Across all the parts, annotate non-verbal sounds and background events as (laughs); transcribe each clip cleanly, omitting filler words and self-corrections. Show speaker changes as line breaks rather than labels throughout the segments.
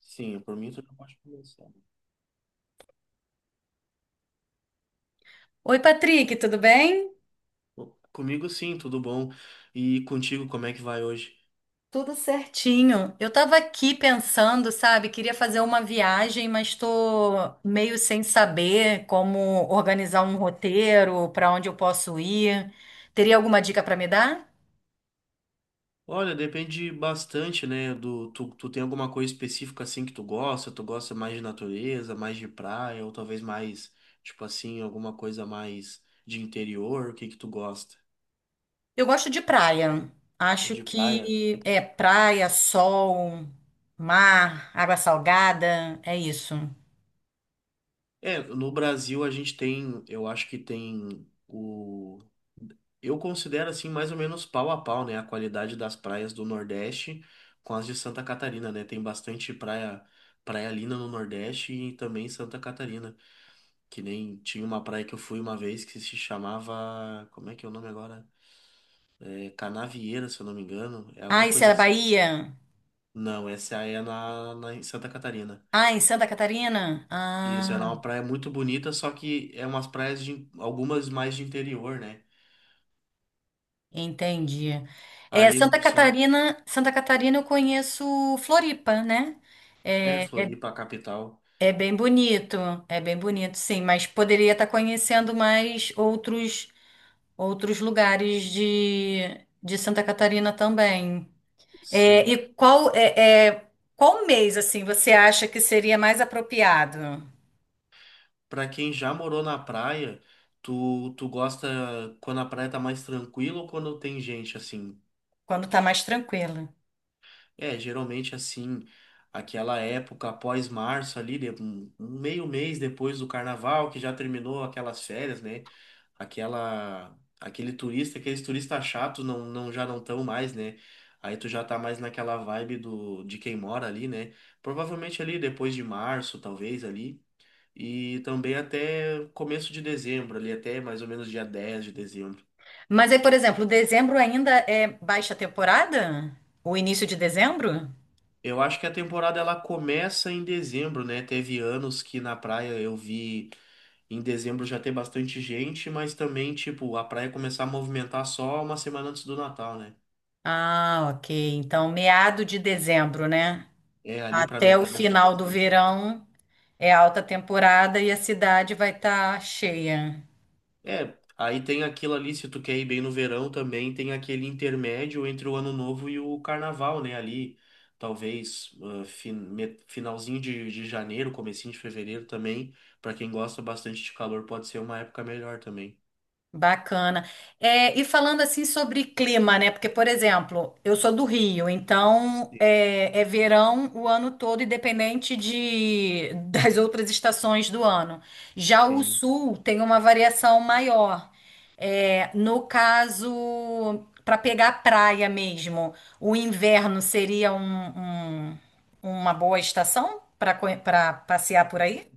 Sim, por mim tu já pode começar.
Oi, Patrick, tudo bem?
Bom, comigo sim, tudo bom. E contigo, como é que vai hoje?
Tudo certinho. Eu tava aqui pensando, sabe, queria fazer uma viagem, mas tô meio sem saber como organizar um roteiro, para onde eu posso ir. Teria alguma dica para me dar?
Olha, depende bastante, né, do tu tem alguma coisa específica assim que tu gosta? Tu gosta mais de natureza, mais de praia, ou talvez mais, tipo assim, alguma coisa mais de interior? O que que tu gosta?
Eu gosto de praia. Acho
De praia?
que é praia, sol, mar, água salgada, é isso.
É, no Brasil a gente tem, eu acho que tem o. Eu considero assim mais ou menos pau a pau, né? A qualidade das praias do Nordeste com as de Santa Catarina, né? Tem bastante praia, praia linda no Nordeste e também em Santa Catarina. Que nem tinha uma praia que eu fui uma vez que se chamava. Como é que é o nome agora? É Canavieira, se eu não me engano. É alguma
Ah, isso é
coisa
da
assim.
Bahia?
Não, essa é na em Santa Catarina.
Ah, em Santa Catarina?
Isso, era
Ah.
uma praia muito bonita, só que é umas praias de algumas mais de interior, né?
Entendi. É,
Ali
Santa
no- só
Catarina, Santa Catarina eu conheço Floripa, né?
é
É, é,
Floripa, a capital.
é bem bonito, sim, mas poderia estar conhecendo mais outros lugares de Santa Catarina também. É,
Sim.
e qual é, é, Qual mês assim você acha que seria mais apropriado?
Pra quem já morou na praia, tu gosta quando a praia tá mais tranquila ou quando tem gente assim?
Quando está mais tranquilo.
É, geralmente assim, aquela época após março ali, de- um meio mês depois do carnaval, que já terminou aquelas férias, né? Aquela, aquele turista, aqueles turistas chatos não, não já não estão mais, né? Aí tu já tá mais naquela vibe do, de quem mora ali, né? Provavelmente ali depois de março, talvez ali, e também até começo de dezembro, ali até mais ou menos dia 10 de dezembro.
Mas aí, por exemplo, dezembro ainda é baixa temporada? O início de dezembro?
Eu acho que a temporada ela começa em dezembro, né? Teve anos que na praia eu vi em dezembro já ter bastante gente, mas também, tipo, a praia começar a movimentar só uma semana antes do Natal, né?
Ah, ok. Então, meado de dezembro, né?
É ali pra
Até o
metade de
final do
dezembro.
verão é alta temporada e a cidade vai estar cheia.
É, aí tem aquilo ali, se tu quer ir bem no verão também, tem aquele intermédio entre o Ano Novo e o Carnaval, né? Ali, talvez, fin- me- finalzinho de janeiro, comecinho de fevereiro também, pra quem gosta bastante de calor, pode ser uma época melhor também.
Bacana. É, e falando assim sobre clima, né? Porque, por exemplo, eu sou do Rio, então
Sim.
é verão o ano todo, independente (laughs) das outras estações do ano. Já o
Sim.
sul tem uma variação maior. É, no caso, para pegar praia mesmo, o inverno seria uma boa estação para passear por aí?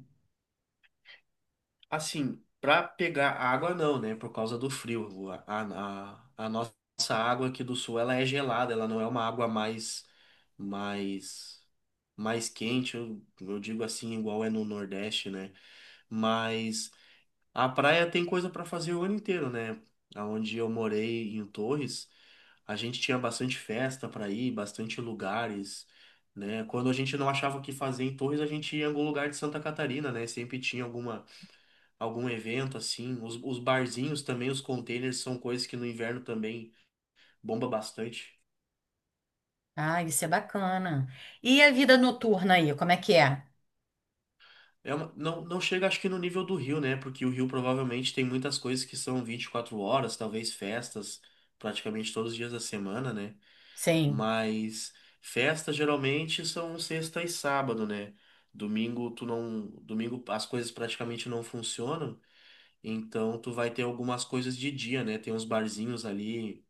Assim, para pegar água não, né? Por causa do frio. A nossa água aqui do sul, ela é gelada, ela não é uma água mais mais mais quente, eu digo assim, igual é no Nordeste, né? Mas a praia tem coisa para fazer o ano inteiro, né? Aonde eu morei em Torres, a gente tinha bastante festa para ir, bastante lugares, né? Quando a gente não achava o que fazer em Torres, a gente ia em algum lugar de Santa Catarina, né? Sempre tinha algum evento assim. Os barzinhos também, os containers são coisas que no inverno também bomba bastante.
Ah, isso é bacana. E a vida noturna aí, como é que é?
É uma- não, não chega, acho que no nível do Rio, né? Porque o Rio provavelmente tem muitas coisas que são 24 horas, talvez festas, praticamente todos os dias da semana, né?
Sim.
Mas festas geralmente são sexta e sábado, né? Domingo tu não, domingo as coisas praticamente não funcionam, então tu vai ter algumas coisas de dia, né? Tem uns barzinhos ali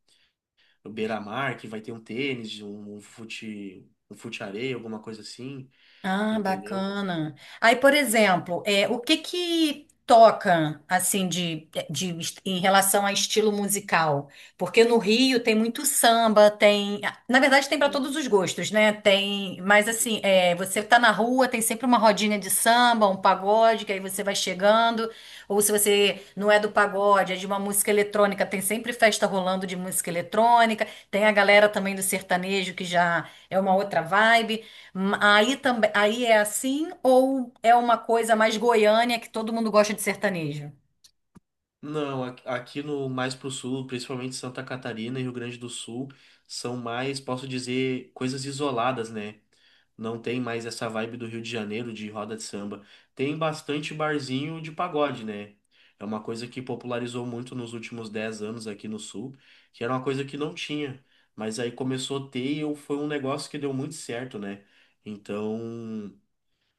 no Beira-Mar, que vai ter um tênis, um fute, um fute-areia, alguma coisa assim,
Ah,
entendeu?
bacana. Aí, por exemplo, é, o que que toca assim de em relação a estilo musical? Porque no Rio tem muito samba, tem, na verdade tem para todos os gostos, né? Tem, mas assim, é, você tá na rua, tem sempre uma rodinha de samba, um pagode, que aí você vai chegando, ou se você não é do pagode, é de uma música eletrônica, tem sempre festa rolando de música eletrônica, tem a galera também do sertanejo que já é uma outra vibe. Aí também, aí é assim, ou é uma coisa mais goiânia que todo mundo gosta de sertanejo?
Não, aqui no mais pro sul, principalmente Santa Catarina e Rio Grande do Sul, são mais, posso dizer, coisas isoladas, né? Não tem mais essa vibe do Rio de Janeiro de roda de samba. Tem bastante barzinho de pagode, né? É uma coisa que popularizou muito nos últimos 10 anos aqui no sul, que era uma coisa que não tinha, mas aí começou a ter e eu- foi um negócio que deu muito certo, né? Então,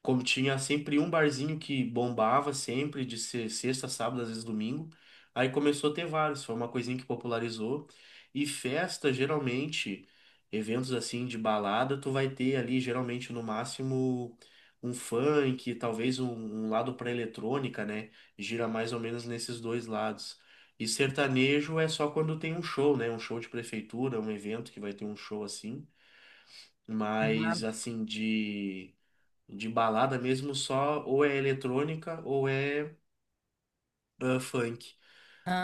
como tinha sempre um barzinho que bombava sempre, de ser sexta, sábado, às vezes domingo. Aí começou a ter vários, foi uma coisinha que popularizou. E festa, geralmente, eventos assim de balada, tu vai ter ali, geralmente, no máximo, um funk, talvez um, um lado pra eletrônica, né? Gira mais ou menos nesses dois lados. E sertanejo é só quando tem um show, né? Um show de prefeitura, um evento que vai ter um show assim. Mas, assim, de. De balada mesmo só ou é eletrônica ou é ah, funk.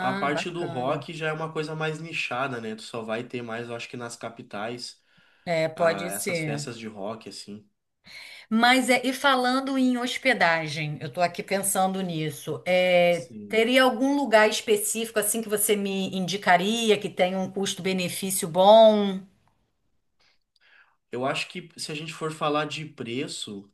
A parte do
bacana.
rock já é uma coisa mais nichada, né? Tu só vai ter mais, eu acho que nas capitais,
É, pode
ah, essas
ser.
festas de rock, assim.
Mas é, e falando em hospedagem, eu tô aqui pensando nisso. É,
Sim.
teria algum lugar específico assim que você me indicaria que tenha um custo-benefício bom?
Eu acho que se a gente for falar de preço,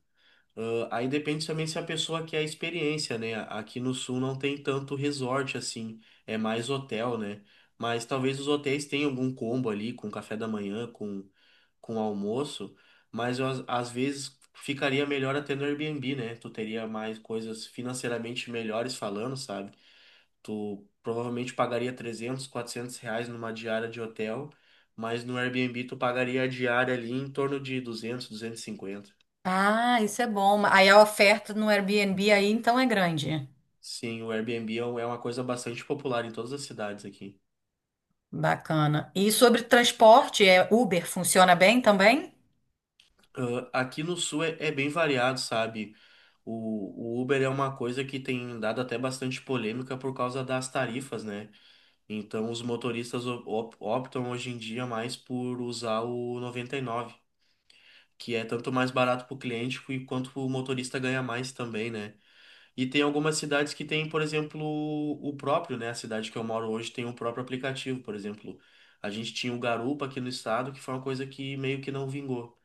ah, aí depende também se a pessoa quer a experiência, né? Aqui no sul não tem tanto resort assim, é mais hotel, né? Mas talvez os hotéis tenham algum combo ali com café da manhã, com almoço, mas eu, às vezes ficaria melhor até no Airbnb, né? Tu teria mais coisas financeiramente melhores falando, sabe? Tu provavelmente pagaria 300, 400 reais numa diária de hotel, mas no Airbnb tu pagaria a diária ali em torno de 200, 250.
Ah, isso é bom. Aí a oferta no Airbnb aí então é grande.
Sim, o Airbnb é um- é uma coisa bastante popular em todas as cidades aqui.
Bacana. E sobre transporte, é, Uber funciona bem também?
Ah, aqui no sul é, é bem variado, sabe? O Uber é uma coisa que tem dado até bastante polêmica por causa das tarifas, né? Então, os motoristas op- op- optam hoje em dia mais por usar o 99, que é tanto mais barato para o cliente que- quanto o motorista ganha mais também, né? E tem algumas cidades que tem, por exemplo, o próprio, né? A cidade que eu moro hoje tem o próprio aplicativo, por exemplo. A gente tinha o Garupa aqui no estado, que foi uma coisa que meio que não vingou.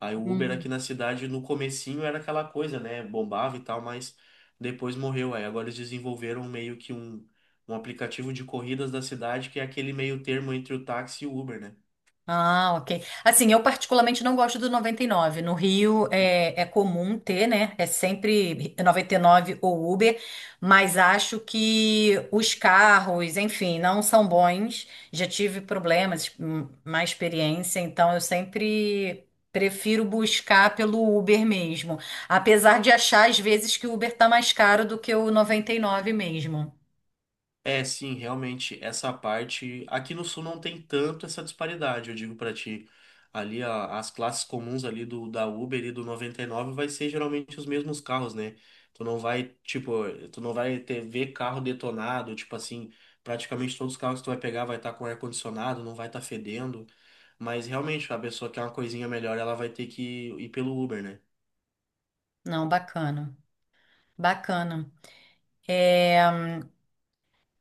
Aí o Uber
Hum.
aqui na cidade, no comecinho, era aquela coisa, né? Bombava e tal, mas depois morreu. Aí agora eles desenvolveram meio que um aplicativo de corridas da cidade, que é aquele meio termo entre o táxi e o Uber, né?
Ah, ok. Assim, eu particularmente não gosto do 99. No Rio é comum ter, né? É sempre 99 ou Uber, mas acho que os carros, enfim, não são bons. Já tive problemas, má experiência, então eu sempre prefiro buscar pelo Uber mesmo. Apesar de achar às vezes que o Uber tá mais caro do que o 99 mesmo.
É, sim, realmente, essa parte. Aqui no Sul não tem tanto essa disparidade, eu digo pra ti. Ali, a- as classes comuns ali do da Uber e do 99 vai ser geralmente os mesmos carros, né? Tu não vai, tipo, tu não vai ter ver carro detonado, tipo assim, praticamente todos os carros que tu vai pegar vai estar com ar-condicionado, não vai estar fedendo. Mas realmente, a pessoa quer uma coisinha melhor, ela vai ter que ir pelo Uber, né?
Não, bacana. Bacana. É,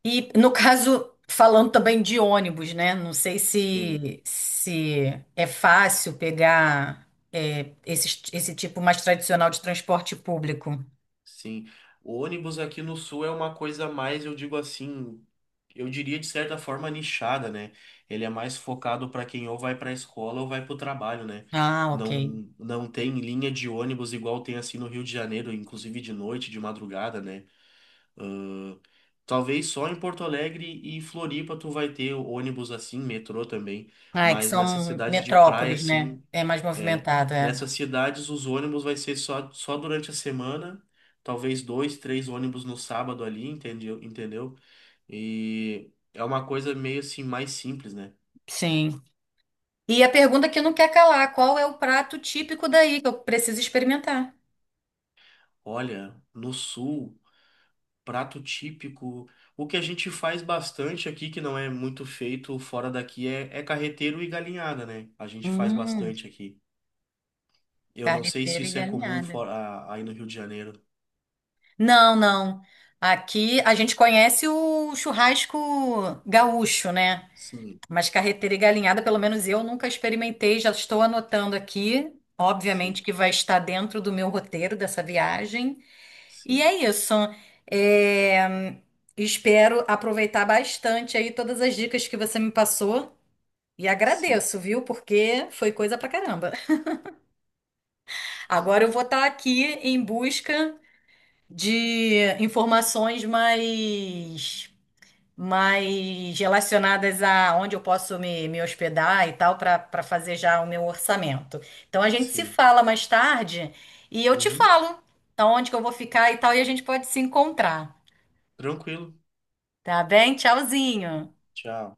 e no caso, falando também de ônibus, né? Não sei
Sim,
se é fácil pegar, é, esse tipo mais tradicional de transporte público.
sim. O ônibus aqui no Sul é uma coisa mais, eu digo assim. Eu diria de certa forma nichada, né? Ele é mais focado para quem ou vai para a escola ou vai para o trabalho, né?
Ah, ok.
Não, não tem linha de ônibus igual tem assim no Rio de Janeiro, inclusive de noite, de madrugada, né? Talvez só em Porto Alegre e Floripa tu vai ter ônibus assim, metrô também,
Ah, é que
mas nessas
são
cidades de praia
metrópoles, né?
assim,
É mais
é,
movimentado, é.
nessas cidades os ônibus vai ser só, só durante a semana, talvez dois, três ônibus no sábado ali, entendeu? Entendeu? E é uma coisa meio assim mais simples, né?
Sim. E a pergunta que não quer calar, qual é o prato típico daí que eu preciso experimentar?
Olha, no sul, prato típico, o que a gente faz bastante aqui, que não é muito feito fora daqui, é, é carreteiro e galinhada, né? A gente faz
Hum,
bastante aqui. Eu não sei se
carreteira e
isso é comum
galinhada.
fora, a- aí no Rio de Janeiro.
Não, não. Aqui a gente conhece o churrasco gaúcho, né?
Sim,
Mas carreteira e galinhada, pelo menos eu nunca experimentei, já estou anotando aqui.
sim,
Obviamente que vai estar dentro do meu roteiro dessa viagem. E
sim,
é isso. É, espero aproveitar bastante aí todas as dicas que você me passou. E
sim,
agradeço, viu? Porque foi coisa pra caramba. Agora eu vou estar aqui em busca de informações mais relacionadas a onde eu posso me hospedar e tal, para fazer já o meu orçamento. Então a gente se
sim.
fala mais tarde e eu te
Uhum.
falo aonde que eu vou ficar e tal, e a gente pode se encontrar,
Tranquilo.
tá bem? Tchauzinho.
Tchau.